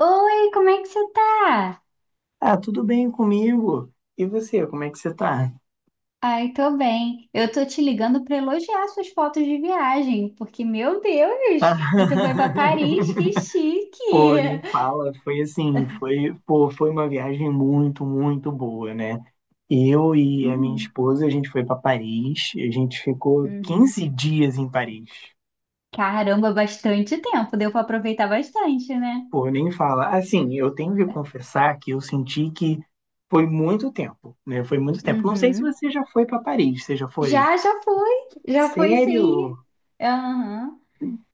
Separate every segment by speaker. Speaker 1: Oi, como é que você tá?
Speaker 2: Ah, tudo bem comigo? E você, como é que você tá?
Speaker 1: Ai, tô bem. Eu tô te ligando pra elogiar suas fotos de viagem, porque, meu
Speaker 2: Tá.
Speaker 1: Deus, você foi pra Paris, que
Speaker 2: Pô,
Speaker 1: chique!
Speaker 2: nem fala, foi assim, foi, pô, foi uma viagem muito, muito boa, né? Eu e a minha
Speaker 1: Uhum,
Speaker 2: esposa, a gente foi pra Paris, a gente ficou
Speaker 1: uhum.
Speaker 2: 15 dias em Paris.
Speaker 1: Caramba, bastante tempo, deu pra aproveitar bastante, né?
Speaker 2: Pô, nem fala. Assim, eu tenho que confessar que eu senti que foi muito tempo, né? Foi muito tempo. Não sei se
Speaker 1: Uhum.
Speaker 2: você já foi pra Paris, você já foi?
Speaker 1: Já fui, já fui
Speaker 2: Sério?
Speaker 1: sim.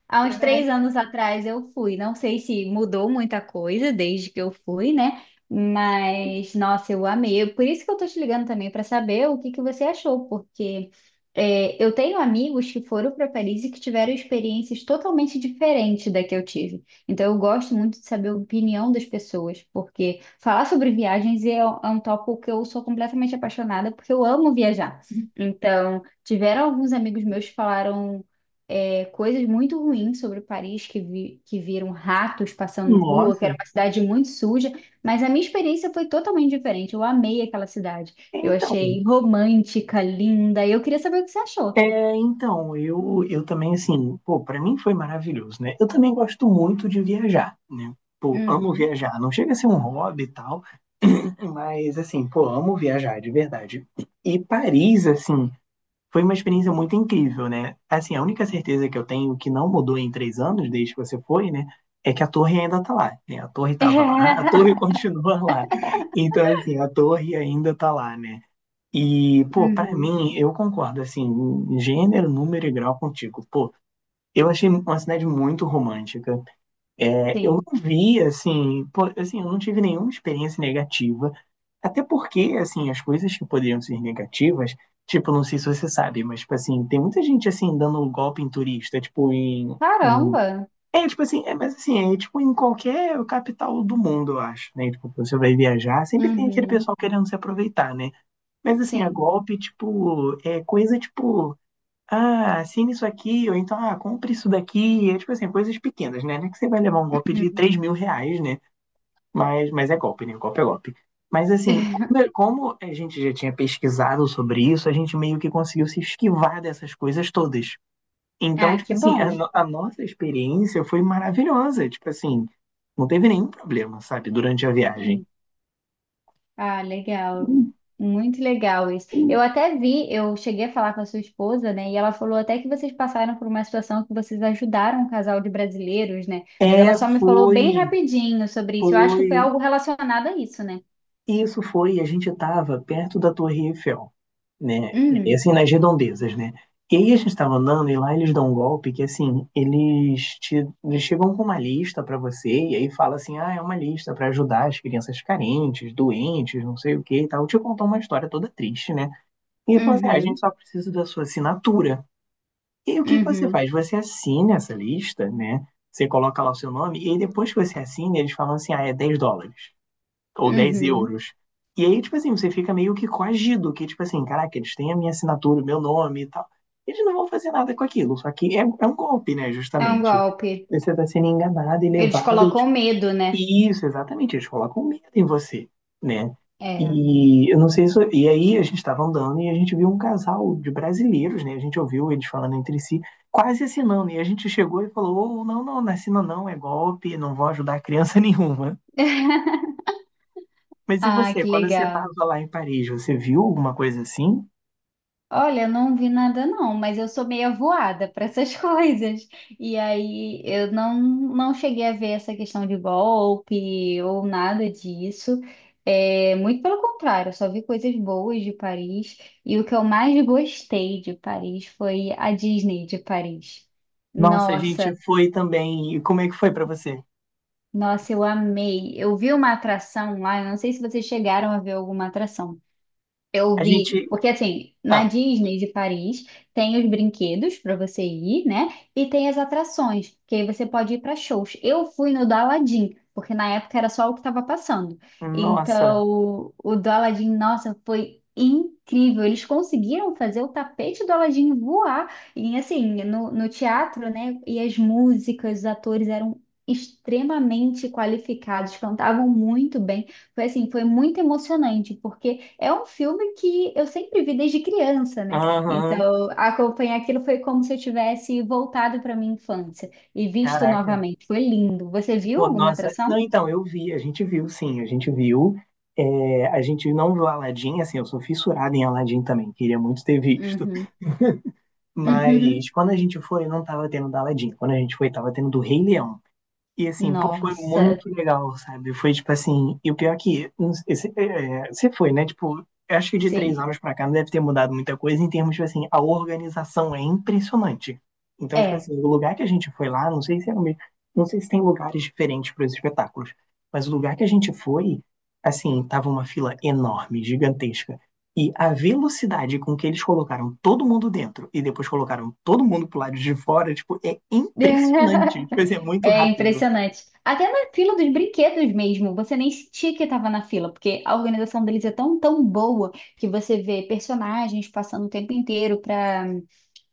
Speaker 1: Há uns
Speaker 2: Caralho,
Speaker 1: 3 anos atrás eu fui. Não sei se mudou muita coisa desde que eu fui, né? Mas, nossa, eu amei. Por isso que eu tô te ligando também para saber o que que você achou, porque eu tenho amigos que foram para Paris e que tiveram experiências totalmente diferentes da que eu tive. Então, eu gosto muito de saber a opinião das pessoas, porque falar sobre viagens é um tópico que eu sou completamente apaixonada, porque eu amo viajar. Então, tiveram alguns amigos meus que falaram coisas muito ruins sobre Paris, que viram ratos passando na rua, que era
Speaker 2: nossa.
Speaker 1: uma cidade muito suja, mas a minha experiência foi totalmente diferente. Eu amei aquela cidade. Eu
Speaker 2: Então,
Speaker 1: achei romântica, linda, e eu queria saber o que você achou.
Speaker 2: é, então, eu também, assim, pô, pra mim foi maravilhoso, né? Eu também gosto muito de viajar, né? Pô, amo
Speaker 1: Uhum.
Speaker 2: viajar. Não chega a ser um hobby e tal, mas, assim, pô, amo viajar, de verdade. E Paris, assim, foi uma experiência muito incrível, né? Assim, a única certeza que eu tenho que não mudou em 3 anos, desde que você foi, né? É que a torre ainda tá lá, né? A torre tava lá, a torre continua lá. Então, assim, a torre ainda tá lá, né? E, pô, pra
Speaker 1: Uhum.
Speaker 2: mim, eu concordo, assim, em gênero, número e grau contigo. Pô, eu achei uma cidade muito romântica. É, eu
Speaker 1: Sim.
Speaker 2: não vi, assim, pô, assim, eu não tive nenhuma experiência negativa. Até porque, assim, as coisas que poderiam ser negativas, tipo, não sei se você sabe, mas, tipo, assim, tem muita gente, assim, dando golpe em turista, tipo, em... em-
Speaker 1: Caramba!
Speaker 2: é, tipo assim, é, mas assim, é tipo em qualquer capital do mundo, eu acho, né? Tipo, você vai viajar, sempre tem aquele
Speaker 1: Uhum.
Speaker 2: pessoal querendo se aproveitar, né? Mas assim, a
Speaker 1: Sim.
Speaker 2: golpe, tipo, é coisa tipo, ah, assine isso aqui, ou então, ah, compre isso daqui. É tipo assim, coisas pequenas, né? Não é que você vai levar um golpe de
Speaker 1: Uhum.
Speaker 2: 3 mil reais, né? Mas é golpe, né? Golpe é golpe. Mas assim, como a gente já tinha pesquisado sobre isso, a gente meio que conseguiu se esquivar dessas coisas todas. Então,
Speaker 1: Ah,
Speaker 2: tipo
Speaker 1: que
Speaker 2: assim,
Speaker 1: bom.
Speaker 2: a, no- a nossa experiência foi maravilhosa. Tipo assim, não teve nenhum problema, sabe, durante a viagem.
Speaker 1: Sim. Ah, legal. Muito legal isso. Eu cheguei a falar com a sua esposa, né? E ela falou até que vocês passaram por uma situação que vocês ajudaram um casal de brasileiros, né? Mas ela
Speaker 2: É,
Speaker 1: só me falou bem
Speaker 2: foi,
Speaker 1: rapidinho sobre isso. Eu acho que foi
Speaker 2: foi.
Speaker 1: algo relacionado a isso, né?
Speaker 2: Isso foi, a gente estava perto da Torre Eiffel, né? E
Speaker 1: Hum,
Speaker 2: assim, nas redondezas, né? E aí a gente estava andando e lá eles dão um golpe que, assim, eles, te, eles chegam com uma lista para você e aí fala assim, ah, é uma lista para ajudar as crianças carentes, doentes, não sei o que e tal. Te contou uma história toda triste, né? E ele falou assim, ah, a gente
Speaker 1: uhum,
Speaker 2: só precisa da sua assinatura. E aí, o que que você
Speaker 1: uhum,
Speaker 2: faz? Você assina essa lista, né? Você coloca lá o seu nome e aí depois que você assina, eles falam assim, ah, é 10 dólares ou 10
Speaker 1: uhum.
Speaker 2: euros. E aí, tipo assim, você fica meio que coagido, que tipo assim, caraca, eles têm a minha assinatura, o meu nome e tal. Eles não vão fazer nada com aquilo, só que é, é um golpe, né,
Speaker 1: É um
Speaker 2: justamente.
Speaker 1: golpe.
Speaker 2: Você está sendo enganado e
Speaker 1: Eles
Speaker 2: levado.
Speaker 1: colocam medo, né?
Speaker 2: Isso, exatamente, eles colocam medo em você, né?
Speaker 1: É.
Speaker 2: E eu não sei se. E aí a gente estava andando e a gente viu um casal de brasileiros, né? A gente ouviu eles falando entre si, quase assinando. E a gente chegou e falou: "Ô, não, não, não assina não, é golpe, não vou ajudar criança nenhuma." Mas e
Speaker 1: Ah,
Speaker 2: você,
Speaker 1: que
Speaker 2: quando você estava
Speaker 1: legal.
Speaker 2: lá em Paris, você viu alguma coisa assim?
Speaker 1: Olha, não vi nada não, mas eu sou meio voada para essas coisas. E aí eu não cheguei a ver essa questão de golpe ou nada disso. É, muito pelo contrário, eu só vi coisas boas de Paris. E o que eu mais gostei de Paris foi a Disney de Paris.
Speaker 2: Nossa, a gente
Speaker 1: Nossa,
Speaker 2: foi também. E como é que foi pra você?
Speaker 1: nossa, eu amei. Eu vi uma atração lá, eu não sei se vocês chegaram a ver alguma atração. Eu
Speaker 2: A
Speaker 1: vi,
Speaker 2: gente.
Speaker 1: porque assim, na
Speaker 2: Ah,
Speaker 1: Disney de Paris tem os brinquedos para você ir, né? E tem as atrações, que aí você pode ir para shows. Eu fui no do Aladdin, porque na época era só o que estava passando.
Speaker 2: nossa.
Speaker 1: Então, o do Aladdin, nossa, foi incrível. Eles conseguiram fazer o tapete do Aladdin voar. E assim, no teatro, né? E as músicas, os atores eram extremamente qualificados, cantavam muito bem. Foi assim, foi muito emocionante, porque é um filme que eu sempre vi desde criança, né?
Speaker 2: Aham,
Speaker 1: Então, acompanhar aquilo foi como se eu tivesse voltado para minha infância e visto
Speaker 2: caraca.
Speaker 1: novamente. Foi lindo. Você viu
Speaker 2: Pô,
Speaker 1: alguma
Speaker 2: nossa.
Speaker 1: atração?
Speaker 2: Não, então, eu vi, a gente viu, sim, a gente viu. É, a gente não viu Aladdin, assim, eu sou fissurado em Aladdin também, queria muito ter visto.
Speaker 1: Uhum.
Speaker 2: Mas
Speaker 1: Uhum.
Speaker 2: quando a gente foi, não tava tendo da Aladdin. Quando a gente foi, tava tendo do Rei Leão. E assim, pô, foi
Speaker 1: Nossa,
Speaker 2: muito legal, sabe? Foi tipo assim, e o pior é que não sei, você é, é, você foi, né? Tipo, eu acho que de três
Speaker 1: sim.
Speaker 2: anos pra cá não deve ter mudado muita coisa em termos, tipo assim, a organização é impressionante. Então, tipo
Speaker 1: É.
Speaker 2: assim, o lugar que a gente foi lá, não sei se é o mesmo, não sei se tem lugares diferentes para os espetáculos, mas o lugar que a gente foi, assim, tava uma fila enorme, gigantesca. E a velocidade com que eles colocaram todo mundo dentro e depois colocaram todo mundo pro lado de fora, tipo, é impressionante. Tipo assim, é muito
Speaker 1: É
Speaker 2: rápido.
Speaker 1: impressionante. Até na fila dos brinquedos mesmo, você nem sentia que estava na fila, porque a organização deles é tão, tão boa que você vê personagens passando o tempo inteiro para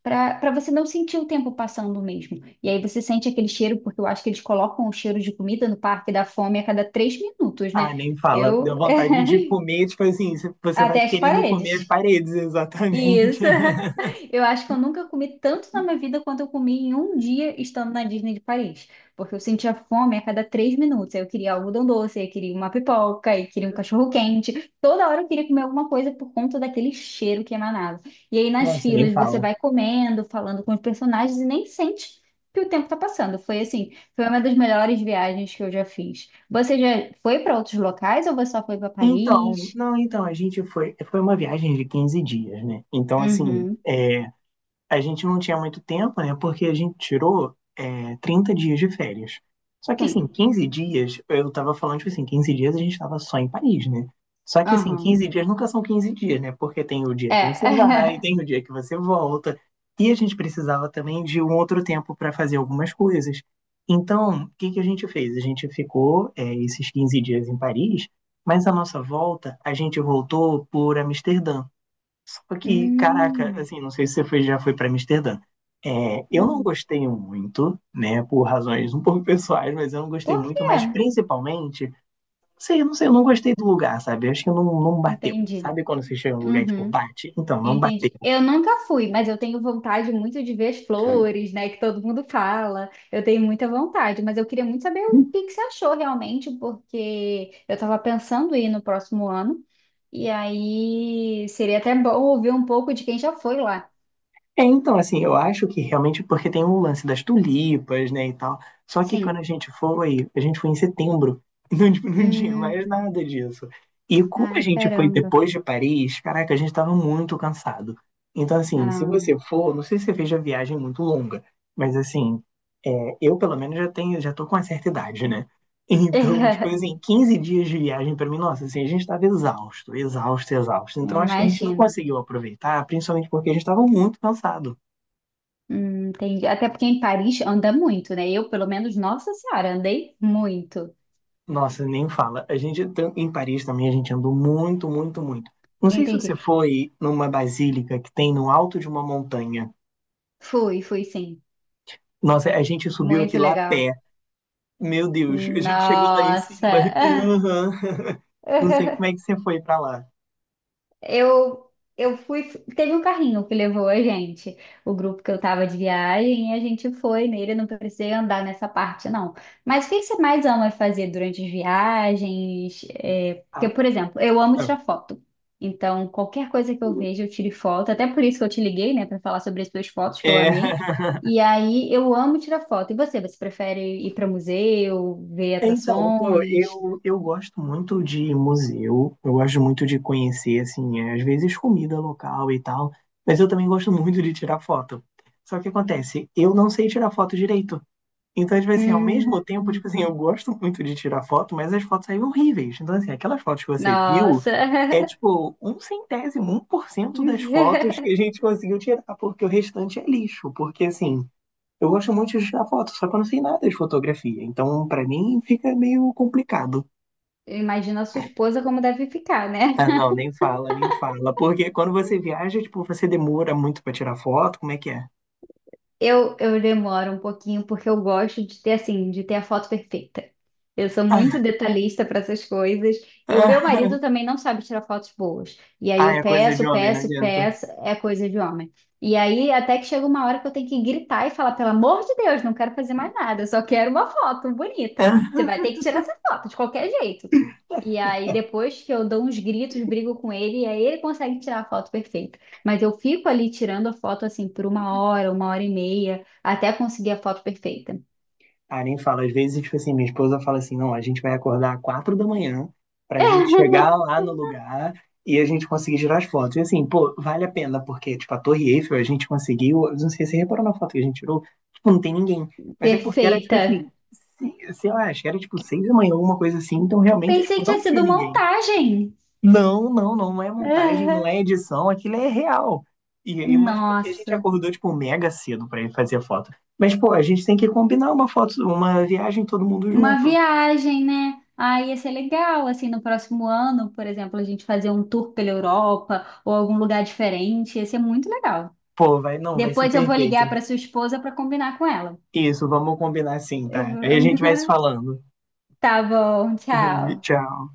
Speaker 1: para você não sentir o tempo passando mesmo. E aí você sente aquele cheiro, porque eu acho que eles colocam o cheiro de comida no Parque da Fome a cada 3 minutos, né?
Speaker 2: Ah, nem fala.
Speaker 1: Eu.
Speaker 2: Deu vontade de comer, tipo assim, você vai
Speaker 1: Até as
Speaker 2: querendo comer as
Speaker 1: paredes.
Speaker 2: paredes, exatamente.
Speaker 1: Isso. Eu acho que eu nunca comi tanto na minha vida quanto eu comi em um dia estando na Disney de Paris. Porque eu sentia fome a cada 3 minutos. Aí eu queria algodão doce, aí eu queria uma pipoca, aí eu queria um cachorro-quente. Toda hora eu queria comer alguma coisa por conta daquele cheiro que emanava. E aí nas
Speaker 2: Nossa, nem
Speaker 1: filas você
Speaker 2: fala.
Speaker 1: vai comendo, falando com os personagens e nem sente que o tempo tá passando. Foi assim, foi uma das melhores viagens que eu já fiz. Você já foi para outros locais ou você só foi para
Speaker 2: Então,
Speaker 1: Paris?
Speaker 2: não, então, a gente foi, foi uma viagem de 15 dias, né? Então, assim,
Speaker 1: Uhum.
Speaker 2: é, a gente não tinha muito tempo, né? Porque a gente tirou, é, 30 dias de férias. Só que,
Speaker 1: Sim.
Speaker 2: assim, 15 dias, eu tava falando, tipo assim, 15 dias a gente tava só em Paris, né? Só que, assim,
Speaker 1: Aham.
Speaker 2: 15 dias nunca são 15 dias, né? Porque tem o dia que
Speaker 1: É.
Speaker 2: você vai, tem o dia que você volta. E a gente precisava também de um outro tempo para fazer algumas coisas. Então, o que que a gente fez? A gente ficou, é, esses 15 dias em Paris, mas a nossa volta, a gente voltou por Amsterdã. Porque, caraca,
Speaker 1: Hum,
Speaker 2: assim, não sei se você foi, já foi para Amsterdã. É, eu não
Speaker 1: hum.
Speaker 2: gostei muito, né, por razões um pouco pessoais, mas eu não gostei
Speaker 1: Por
Speaker 2: muito,
Speaker 1: quê?
Speaker 2: mas principalmente, não sei, eu não gostei do lugar, sabe? Eu acho que não, não bateu.
Speaker 1: Entendi.
Speaker 2: Sabe quando você chega em um lugar e, tipo,
Speaker 1: Uhum,
Speaker 2: bate? Então, não bateu.
Speaker 1: entendi. Eu nunca fui, mas eu tenho vontade muito de ver as flores, né? Que todo mundo fala. Eu tenho muita vontade, mas eu queria muito saber o que que você achou realmente, porque eu estava pensando em ir no próximo ano. E aí seria até bom ouvir um pouco de quem já foi lá.
Speaker 2: É, então, assim, eu acho que realmente porque tem o lance das tulipas, né, e tal. Só que quando
Speaker 1: Sim.
Speaker 2: a gente foi em setembro, não, não tinha
Speaker 1: Hum.
Speaker 2: mais nada disso. E como a
Speaker 1: Ai,
Speaker 2: gente foi
Speaker 1: caramba.
Speaker 2: depois de Paris, caraca, a gente tava muito cansado. Então, assim, se
Speaker 1: Ah.
Speaker 2: você for, não sei se você fez a viagem muito longa, mas assim, é, eu pelo menos já tenho, já tô com uma certa idade, né? Então, tipo assim, 15 dias de viagem pra mim, nossa, assim, a gente tava exausto, exausto, exausto. Então, acho que a gente não
Speaker 1: Imagino.
Speaker 2: conseguiu aproveitar, principalmente porque a gente tava muito cansado.
Speaker 1: Entendi. Até porque em Paris anda muito, né? Eu, pelo menos, nossa senhora, andei muito.
Speaker 2: Nossa, nem fala. A gente em Paris também a gente andou muito, muito, muito. Não sei se você
Speaker 1: Entendi.
Speaker 2: foi numa basílica que tem no alto de uma montanha.
Speaker 1: Fui, fui sim.
Speaker 2: Nossa, a gente subiu aqui
Speaker 1: Muito
Speaker 2: lá a
Speaker 1: legal.
Speaker 2: pé. Meu Deus, a gente chegou lá em cima.
Speaker 1: Nossa.
Speaker 2: Aham. Não sei como é que você foi pra lá.
Speaker 1: Eu, eu fui. Teve um carrinho que levou a gente, o grupo que eu tava de viagem, e a gente foi nele. Eu não precisei andar nessa parte, não. Mas o que que você mais ama fazer durante as viagens? É, porque,
Speaker 2: Ah,
Speaker 1: por exemplo, eu amo
Speaker 2: ah.
Speaker 1: tirar foto. Então, qualquer coisa que eu vejo, eu tiro foto. Até por isso que eu te liguei, né, para falar sobre as suas fotos que eu
Speaker 2: É.
Speaker 1: amei. E aí, eu amo tirar foto. E você? Você prefere ir para museu, ver
Speaker 2: Então, pô,
Speaker 1: atrações?
Speaker 2: eu gosto muito de museu, eu gosto muito de conhecer, assim, é, às vezes comida local e tal, mas eu também gosto muito de tirar foto. Só que acontece, eu não sei tirar foto direito. Então, às vezes, assim, ao mesmo tempo,
Speaker 1: Hum,
Speaker 2: tipo assim, eu gosto muito de tirar foto, mas as fotos saem horríveis. Então, assim, aquelas fotos que você viu
Speaker 1: nossa.
Speaker 2: é, tipo, um centésimo, um por cento das fotos que a gente conseguiu tirar, porque o restante é lixo. Porque, assim, eu gosto muito de tirar foto, só que eu não sei nada de fotografia. Então, pra mim, fica meio complicado.
Speaker 1: Imagina a sua esposa como deve ficar, né?
Speaker 2: Ah, não, nem fala, nem fala. Porque quando você viaja, tipo, você demora muito pra tirar foto, como é que é?
Speaker 1: Eu demoro um pouquinho porque eu gosto de ter assim, de ter a foto perfeita. Eu sou muito
Speaker 2: Ah,
Speaker 1: detalhista para essas coisas e o
Speaker 2: ah,
Speaker 1: meu marido também não sabe tirar fotos boas. E aí
Speaker 2: ah,
Speaker 1: eu
Speaker 2: é coisa de
Speaker 1: peço,
Speaker 2: homem, não
Speaker 1: peço,
Speaker 2: adianta.
Speaker 1: peço, é coisa de homem. E aí até que chega uma hora que eu tenho que gritar e falar, pelo amor de Deus, não quero fazer mais nada, eu só quero uma foto bonita.
Speaker 2: Ah,
Speaker 1: Você vai ter que tirar essa foto de qualquer jeito. E aí depois que eu dou uns gritos, brigo com ele e aí ele consegue tirar a foto perfeita. Mas eu fico ali tirando a foto assim por uma hora e meia, até conseguir a foto perfeita.
Speaker 2: ah, nem falo. Às vezes, tipo assim, minha esposa fala assim, não, a gente vai acordar às 4 da manhã pra gente chegar lá no lugar e a gente conseguir tirar as fotos. E assim, pô, vale a pena, porque, tipo, a Torre Eiffel a gente conseguiu, eu não sei se você reparou na foto que a gente tirou, tipo, não tem ninguém. Mas é porque era, tipo
Speaker 1: Perfeita.
Speaker 2: assim, sei lá, acho que era, tipo, 6 da manhã, alguma coisa assim, então realmente,
Speaker 1: Pensei
Speaker 2: tipo,
Speaker 1: que tinha
Speaker 2: não tinha
Speaker 1: sido
Speaker 2: ninguém.
Speaker 1: montagem.
Speaker 2: Não, não, não. Não é montagem, não é edição, aquilo é real. E
Speaker 1: Ah,
Speaker 2: aí, mas porque a gente
Speaker 1: nossa,
Speaker 2: acordou, tipo, mega cedo pra ir fazer foto. Mas, pô, a gente tem que combinar uma foto, uma viagem todo mundo
Speaker 1: uma
Speaker 2: junto.
Speaker 1: viagem, né? Ah, ia ser legal, assim, no próximo ano, por exemplo, a gente fazer um tour pela Europa ou algum lugar diferente, ia ser muito legal.
Speaker 2: Pô, vai, não, vai ser
Speaker 1: Depois eu vou ligar
Speaker 2: perfeito.
Speaker 1: para sua esposa para combinar com ela.
Speaker 2: Isso, vamos combinar assim, tá? Aí a gente vai se falando.
Speaker 1: Tá bom, tchau.
Speaker 2: Tchau.